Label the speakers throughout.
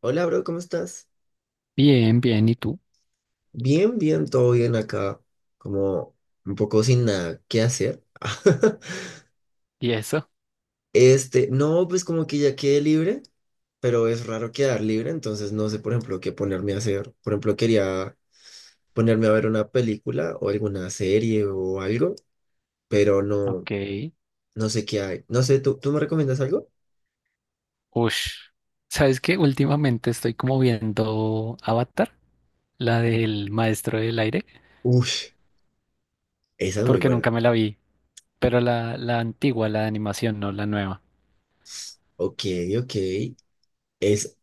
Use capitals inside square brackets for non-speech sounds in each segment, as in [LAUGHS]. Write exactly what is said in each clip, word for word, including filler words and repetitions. Speaker 1: Hola, bro, ¿cómo estás?
Speaker 2: Bien, bien, ¿y tú?
Speaker 1: Bien, bien, todo bien acá. Como un poco sin nada que hacer. [LAUGHS]
Speaker 2: ¿Y eso?
Speaker 1: Este, no, pues como que ya quedé libre, pero es raro quedar libre, entonces no sé, por ejemplo, qué ponerme a hacer. Por ejemplo, quería ponerme a ver una película o alguna serie o algo, pero no,
Speaker 2: Ok.
Speaker 1: no sé qué hay. No sé, ¿tú, tú me recomiendas algo?
Speaker 2: Ush. ¿Sabes qué? Últimamente estoy como viendo Avatar, la del Maestro del Aire,
Speaker 1: Uy, esa es muy
Speaker 2: porque
Speaker 1: buena.
Speaker 2: nunca me la vi, pero la, la antigua, la de animación, no la nueva.
Speaker 1: Ok, ok. Es,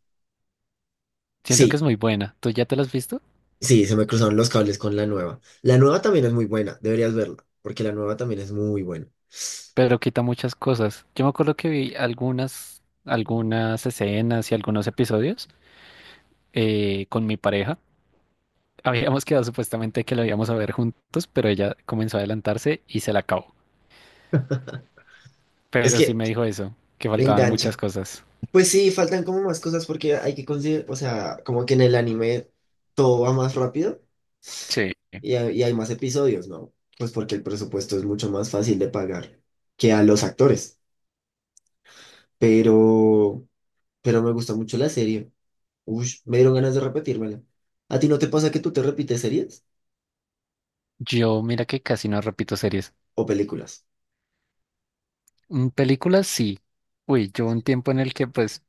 Speaker 2: Siento que
Speaker 1: sí.
Speaker 2: es muy buena. ¿Tú ya te la has visto?
Speaker 1: Sí, se me cruzaron los cables con la nueva. La nueva también es muy buena, deberías verla, porque la nueva también es muy buena.
Speaker 2: Pero quita muchas cosas. Yo me acuerdo que vi algunas, algunas escenas y algunos episodios eh, con mi pareja. [LAUGHS] Habíamos quedado supuestamente que lo íbamos a ver juntos, pero ella comenzó a adelantarse y se la acabó.
Speaker 1: Es
Speaker 2: Pero sí
Speaker 1: que
Speaker 2: me dijo eso, que faltaban muchas
Speaker 1: engancha.
Speaker 2: cosas.
Speaker 1: Pues sí, faltan como más cosas porque hay que conseguir, o sea, como que en el anime todo va más rápido
Speaker 2: Sí.
Speaker 1: y hay, y hay más episodios, ¿no? Pues porque el presupuesto es mucho más fácil de pagar que a los actores. Pero, pero me gustó mucho la serie. Uy, me dieron ganas de repetírmela. ¿A ti no te pasa que tú te repites series
Speaker 2: Yo, mira que casi no repito series.
Speaker 1: o películas?
Speaker 2: Mm, Películas sí. Uy, yo un tiempo en el que pues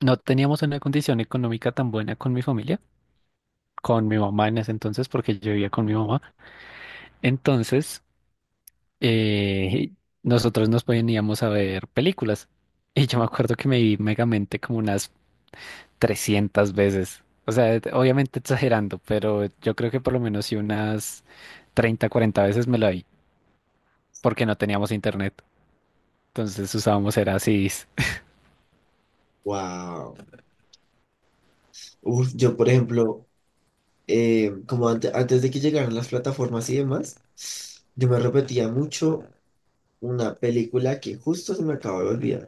Speaker 2: no teníamos una condición económica tan buena con mi familia, con mi mamá en ese entonces, porque yo vivía con mi mamá. Entonces, eh, nosotros nos poníamos a ver películas. Y yo me acuerdo que me vi Megamente como unas trescientas veces. O sea, obviamente exagerando, pero yo creo que por lo menos sí unas treinta cuarenta veces me la vi, porque no teníamos internet. Entonces usábamos era C Ds.
Speaker 1: Wow. Uf, yo, por ejemplo, eh, como ante- antes de que llegaran las plataformas y demás, yo me repetía mucho una película que justo se me acaba de olvidar.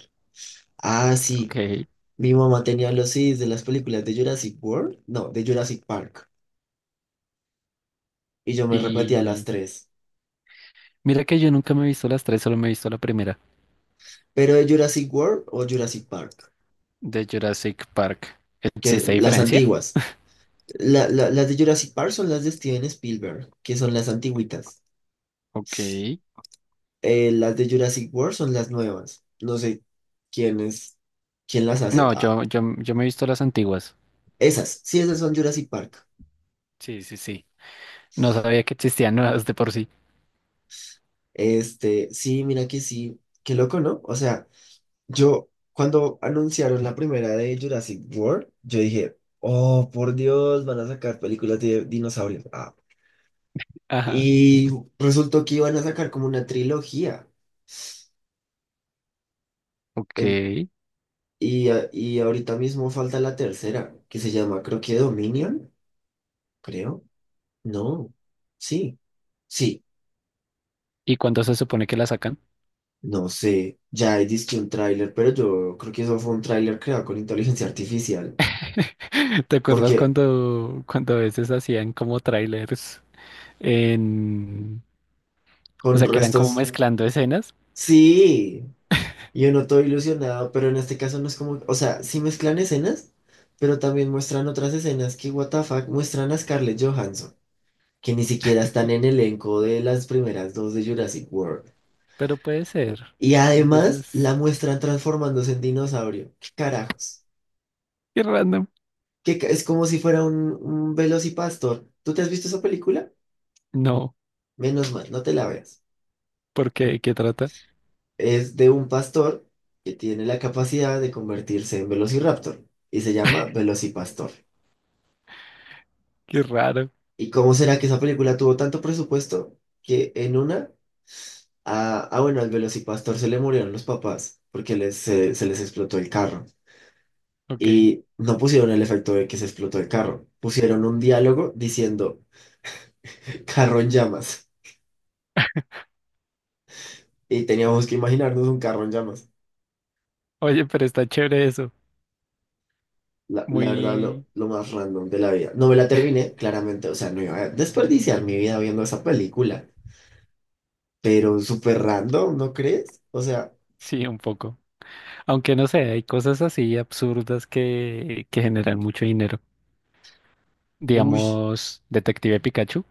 Speaker 1: Ah, sí,
Speaker 2: Ok.
Speaker 1: mi mamá tenía los C Ds de las películas de Jurassic World, no, de Jurassic Park, y yo me repetía las
Speaker 2: Y
Speaker 1: tres,
Speaker 2: mira que yo nunca me he visto las tres, solo me he visto la primera,
Speaker 1: pero de Jurassic World o Jurassic Park,
Speaker 2: de Jurassic Park.
Speaker 1: que
Speaker 2: ¿Existe
Speaker 1: las
Speaker 2: diferencia?
Speaker 1: antiguas. La- la- las de Jurassic Park son las de Steven Spielberg, que son las antiguitas.
Speaker 2: Ok.
Speaker 1: Eh, las de Jurassic World son las nuevas. No sé quién es, quién las hace.
Speaker 2: No,
Speaker 1: Ah,
Speaker 2: yo, yo, yo me he visto las antiguas.
Speaker 1: esas, sí, esas son Jurassic Park.
Speaker 2: Sí, sí, sí. No sabía que existían nuevas de por sí.
Speaker 1: Este, sí, mira que sí, qué loco, ¿no? O sea, yo cuando anunciaron la primera de Jurassic World, yo dije, oh, por Dios, van a sacar películas de dinosaurios. Ah.
Speaker 2: Ajá.
Speaker 1: Y resultó que iban a sacar como una trilogía.
Speaker 2: Ok.
Speaker 1: En- y, a- y ahorita mismo falta la tercera, que se llama, creo que Dominion, creo. No, sí. Sí,
Speaker 2: ¿Y cuándo se supone que la sacan?
Speaker 1: no sé, ya hay disque un tráiler, pero yo creo que eso fue un tráiler creado con inteligencia artificial,
Speaker 2: [LAUGHS] ¿Te acuerdas
Speaker 1: porque
Speaker 2: cuando, cuando a veces hacían como trailers en... O
Speaker 1: con
Speaker 2: sea, que eran como
Speaker 1: restos,
Speaker 2: mezclando escenas,
Speaker 1: sí, yo no estoy ilusionado, pero en este caso no es como, o sea, sí mezclan escenas, pero también muestran otras escenas que, what the fuck, muestran a Scarlett Johansson, que ni siquiera están en el elenco de las primeras dos de Jurassic World,
Speaker 2: pero puede ser.
Speaker 1: y
Speaker 2: Hay
Speaker 1: además
Speaker 2: veces...
Speaker 1: la muestran transformándose en dinosaurio, ¿qué carajos?
Speaker 2: Qué random.
Speaker 1: Que es como si fuera un, un velocipastor, ¿tú te has visto esa película?
Speaker 2: No,
Speaker 1: Menos mal, no te la veas.
Speaker 2: ¿por qué? ¿Qué trata?
Speaker 1: Es de un pastor que tiene la capacidad de convertirse en Velociraptor y se llama Velocipastor.
Speaker 2: Qué raro.
Speaker 1: ¿Y cómo será que esa película tuvo tanto presupuesto que en una, ah, ah, bueno, al Velocipastor se le murieron los papás porque les, se, se les explotó el carro?
Speaker 2: Ok.
Speaker 1: Y no pusieron el efecto de que se explotó el carro, pusieron un diálogo diciendo carro en llamas. Y teníamos que imaginarnos un carro en llamas.
Speaker 2: Oye, pero está chévere eso.
Speaker 1: La, la verdad, lo,
Speaker 2: Muy...
Speaker 1: lo más random de la vida. No me la terminé, claramente. O sea, no iba a desperdiciar mi vida viendo esa película. Pero súper random, ¿no crees? O sea,
Speaker 2: Sí, un poco. Aunque no sé, hay cosas así absurdas que, que generan mucho dinero.
Speaker 1: uff.
Speaker 2: Digamos, Detective Pikachu.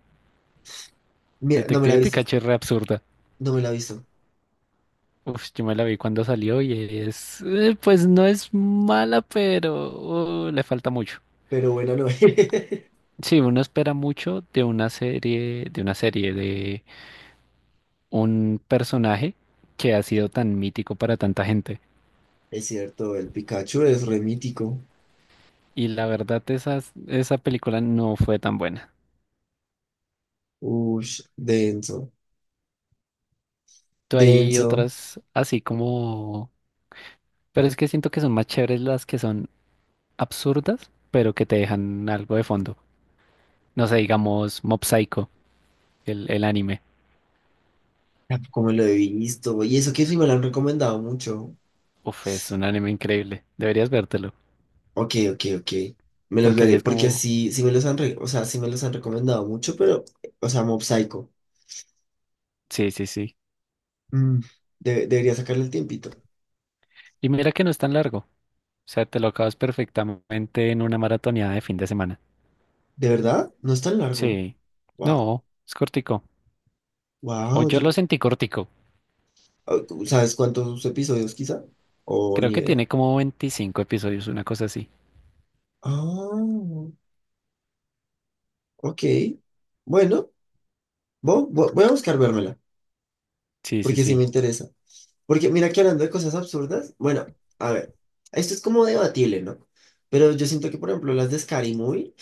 Speaker 1: Mira, no me la he
Speaker 2: Detective
Speaker 1: visto.
Speaker 2: Pikachu es re absurda.
Speaker 1: No me la he visto.
Speaker 2: Uf, yo me la vi cuando salió y es... eh, pues no es mala, pero uh, le falta mucho.
Speaker 1: Pero bueno, no. [LAUGHS]
Speaker 2: Sí, uno espera mucho de una serie, de una serie de un personaje que ha sido tan mítico para tanta gente.
Speaker 1: Es cierto, el Pikachu es remítico.
Speaker 2: Y la verdad, esas- esa película no fue tan buena.
Speaker 1: Uff, denso.
Speaker 2: Tú hay
Speaker 1: Denso.
Speaker 2: otras así como... Pero es que siento que son más chéveres las que son absurdas, pero que te dejan algo de fondo. No sé, digamos Mob Psycho, el, el anime.
Speaker 1: Tampoco me lo he visto. Y eso que sí me lo han recomendado mucho.
Speaker 2: Uf, es un anime increíble. Deberías vértelo.
Speaker 1: Ok, ok, ok. Me los
Speaker 2: Porque sí
Speaker 1: veré.
Speaker 2: es
Speaker 1: Porque
Speaker 2: como...
Speaker 1: sí, sí me los han, re- o sea, sí me los han recomendado mucho, pero, o sea, Mob Psycho.
Speaker 2: Sí, sí, sí.
Speaker 1: Mm, de- debería sacarle el tiempito.
Speaker 2: Y mira que no es tan largo. O sea, te lo acabas perfectamente en una maratoneada de fin de semana.
Speaker 1: ¿De verdad? No es tan largo.
Speaker 2: Sí.
Speaker 1: Wow.
Speaker 2: No, es cortico. O
Speaker 1: Wow.
Speaker 2: yo lo
Speaker 1: yo-
Speaker 2: sentí cortico.
Speaker 1: ah, ¿Sabes cuántos episodios quizá? O ni
Speaker 2: Creo que
Speaker 1: idea.
Speaker 2: tiene como veinticinco episodios, una cosa así.
Speaker 1: Ah, ok. Bueno, vo- vo- voy a buscar vérmela,
Speaker 2: Sí, sí,
Speaker 1: porque sí me
Speaker 2: sí.
Speaker 1: interesa. Porque mira que hablando de cosas absurdas, bueno, a ver, esto es como debatible, ¿no? Pero yo siento que, por ejemplo, las de Scary Movie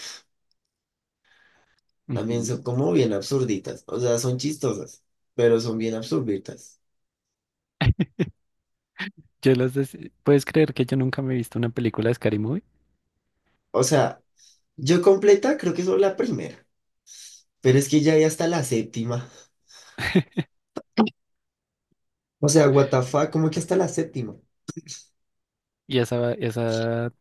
Speaker 1: también
Speaker 2: Ujú.
Speaker 1: son como bien absurditas. O sea, son chistosas, pero son bien absurditas.
Speaker 2: Yo las des- ¿Puedes creer que yo nunca me he visto una película de Scary Movie?
Speaker 1: O sea, yo completa creo que es la primera. Pero es que ya hay hasta la séptima. O sea, what the fuck, ¿cómo que hasta la séptima?
Speaker 2: Y esa, esa,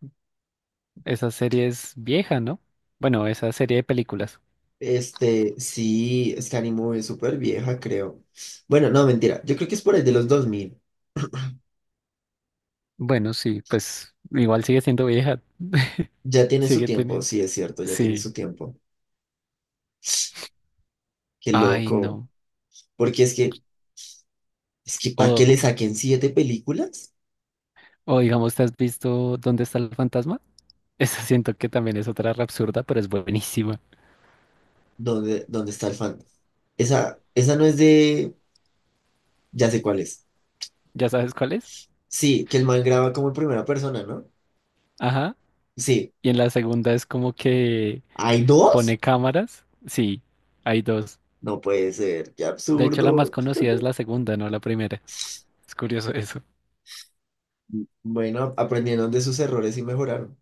Speaker 2: esa serie es vieja, ¿no? Bueno, esa serie de películas.
Speaker 1: Este, sí, Scary Movie es súper vieja, creo. Bueno, no, mentira. Yo creo que es por ahí de los dos mil.
Speaker 2: Bueno, sí, pues igual sigue siendo vieja. [LAUGHS]
Speaker 1: Ya tiene su
Speaker 2: Sigue
Speaker 1: tiempo,
Speaker 2: teniendo.
Speaker 1: sí, es cierto, ya tiene
Speaker 2: Sí.
Speaker 1: su tiempo. Qué
Speaker 2: Ay,
Speaker 1: loco.
Speaker 2: no.
Speaker 1: Porque es que, es que ¿para qué le
Speaker 2: O,
Speaker 1: saquen siete películas?
Speaker 2: o digamos, ¿te has visto Dónde está el fantasma? [LAUGHS] Esa siento que también es otra re absurda, pero es buenísima.
Speaker 1: ¿Dónde, dónde está el fan? Esa, esa no es de... Ya sé cuál es.
Speaker 2: ¿Ya sabes cuál es?
Speaker 1: Sí, que el man graba como en primera persona, ¿no?
Speaker 2: Ajá.
Speaker 1: Sí.
Speaker 2: Y en la segunda es como que
Speaker 1: ¿Hay dos?
Speaker 2: pone cámaras. Sí, hay dos.
Speaker 1: No puede ser, qué
Speaker 2: De hecho, la más
Speaker 1: absurdo.
Speaker 2: conocida es la segunda, no la primera. Es curioso [LAUGHS] eso.
Speaker 1: Bueno, aprendieron de sus errores y mejoraron.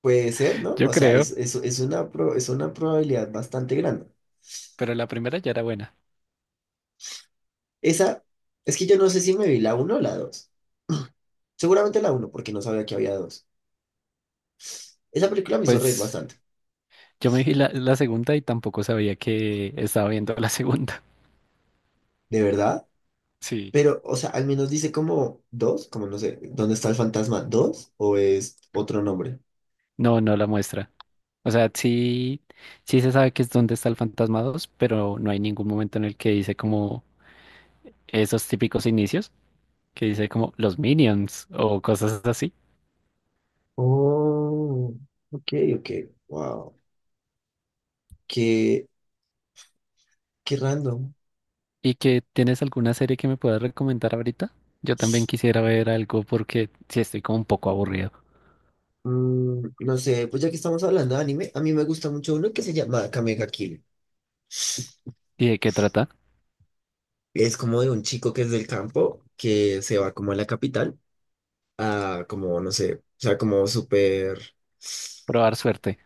Speaker 1: Puede ser, ¿no?
Speaker 2: Yo
Speaker 1: O sea,
Speaker 2: creo,
Speaker 1: es, es, es una, pro- es una probabilidad bastante grande.
Speaker 2: pero la primera ya era buena.
Speaker 1: Esa, es que yo no sé si me vi la uno o la dos. Seguramente la uno, porque no sabía que había dos. Esa película me hizo reír
Speaker 2: Pues
Speaker 1: bastante,
Speaker 2: yo me vi la, la segunda y tampoco sabía que estaba viendo la segunda. [LAUGHS]
Speaker 1: de verdad.
Speaker 2: Sí,
Speaker 1: Pero, o sea, al menos dice como dos, como no sé, ¿dónde está el fantasma? ¿Dos? ¿O es otro nombre?
Speaker 2: no, no la muestra. O sea, sí, sí se sabe que es donde está el Fantasma dos, pero no hay ningún momento en el que dice como esos típicos inicios, que dice como los Minions o cosas.
Speaker 1: Oh, ok, ok. Wow. Qué, qué random.
Speaker 2: ¿Y que tienes alguna serie que me puedas recomendar ahorita? Yo también quisiera ver algo porque sí estoy como un poco aburrido.
Speaker 1: Mm, no sé, pues ya que estamos hablando de anime, a mí me gusta mucho uno que se llama Kamega Kill.
Speaker 2: ¿Y de qué trata?
Speaker 1: Es como de un chico que es del campo, que se va como a la capital, a como, no sé, o sea, como súper
Speaker 2: Probar suerte.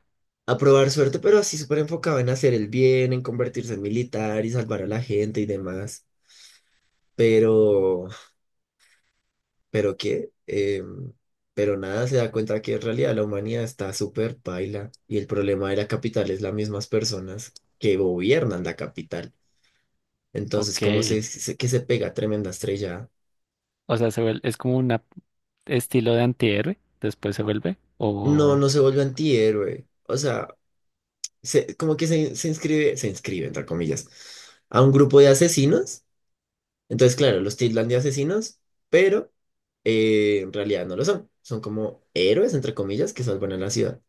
Speaker 1: a probar suerte, pero así súper enfocado en hacer el bien, en convertirse en militar y salvar a la gente y demás. Pero, ¿pero qué? Em, pero nada, se da cuenta que en realidad la humanidad está súper paila y el problema de la capital es las mismas personas que gobiernan la capital. Entonces,
Speaker 2: Ok.
Speaker 1: como se, se- que se pega tremenda estrella,
Speaker 2: O sea, se vuel- es como un estilo de antihéroe, después se vuelve.
Speaker 1: no,
Speaker 2: O
Speaker 1: no se vuelve antihéroe. O sea, se- como que se, se inscribe, se inscribe, entre comillas, a un grupo de asesinos. Entonces, claro, los tildan de asesinos, pero eh, en realidad no lo son. Son como héroes, entre comillas, que salvan a la ciudad.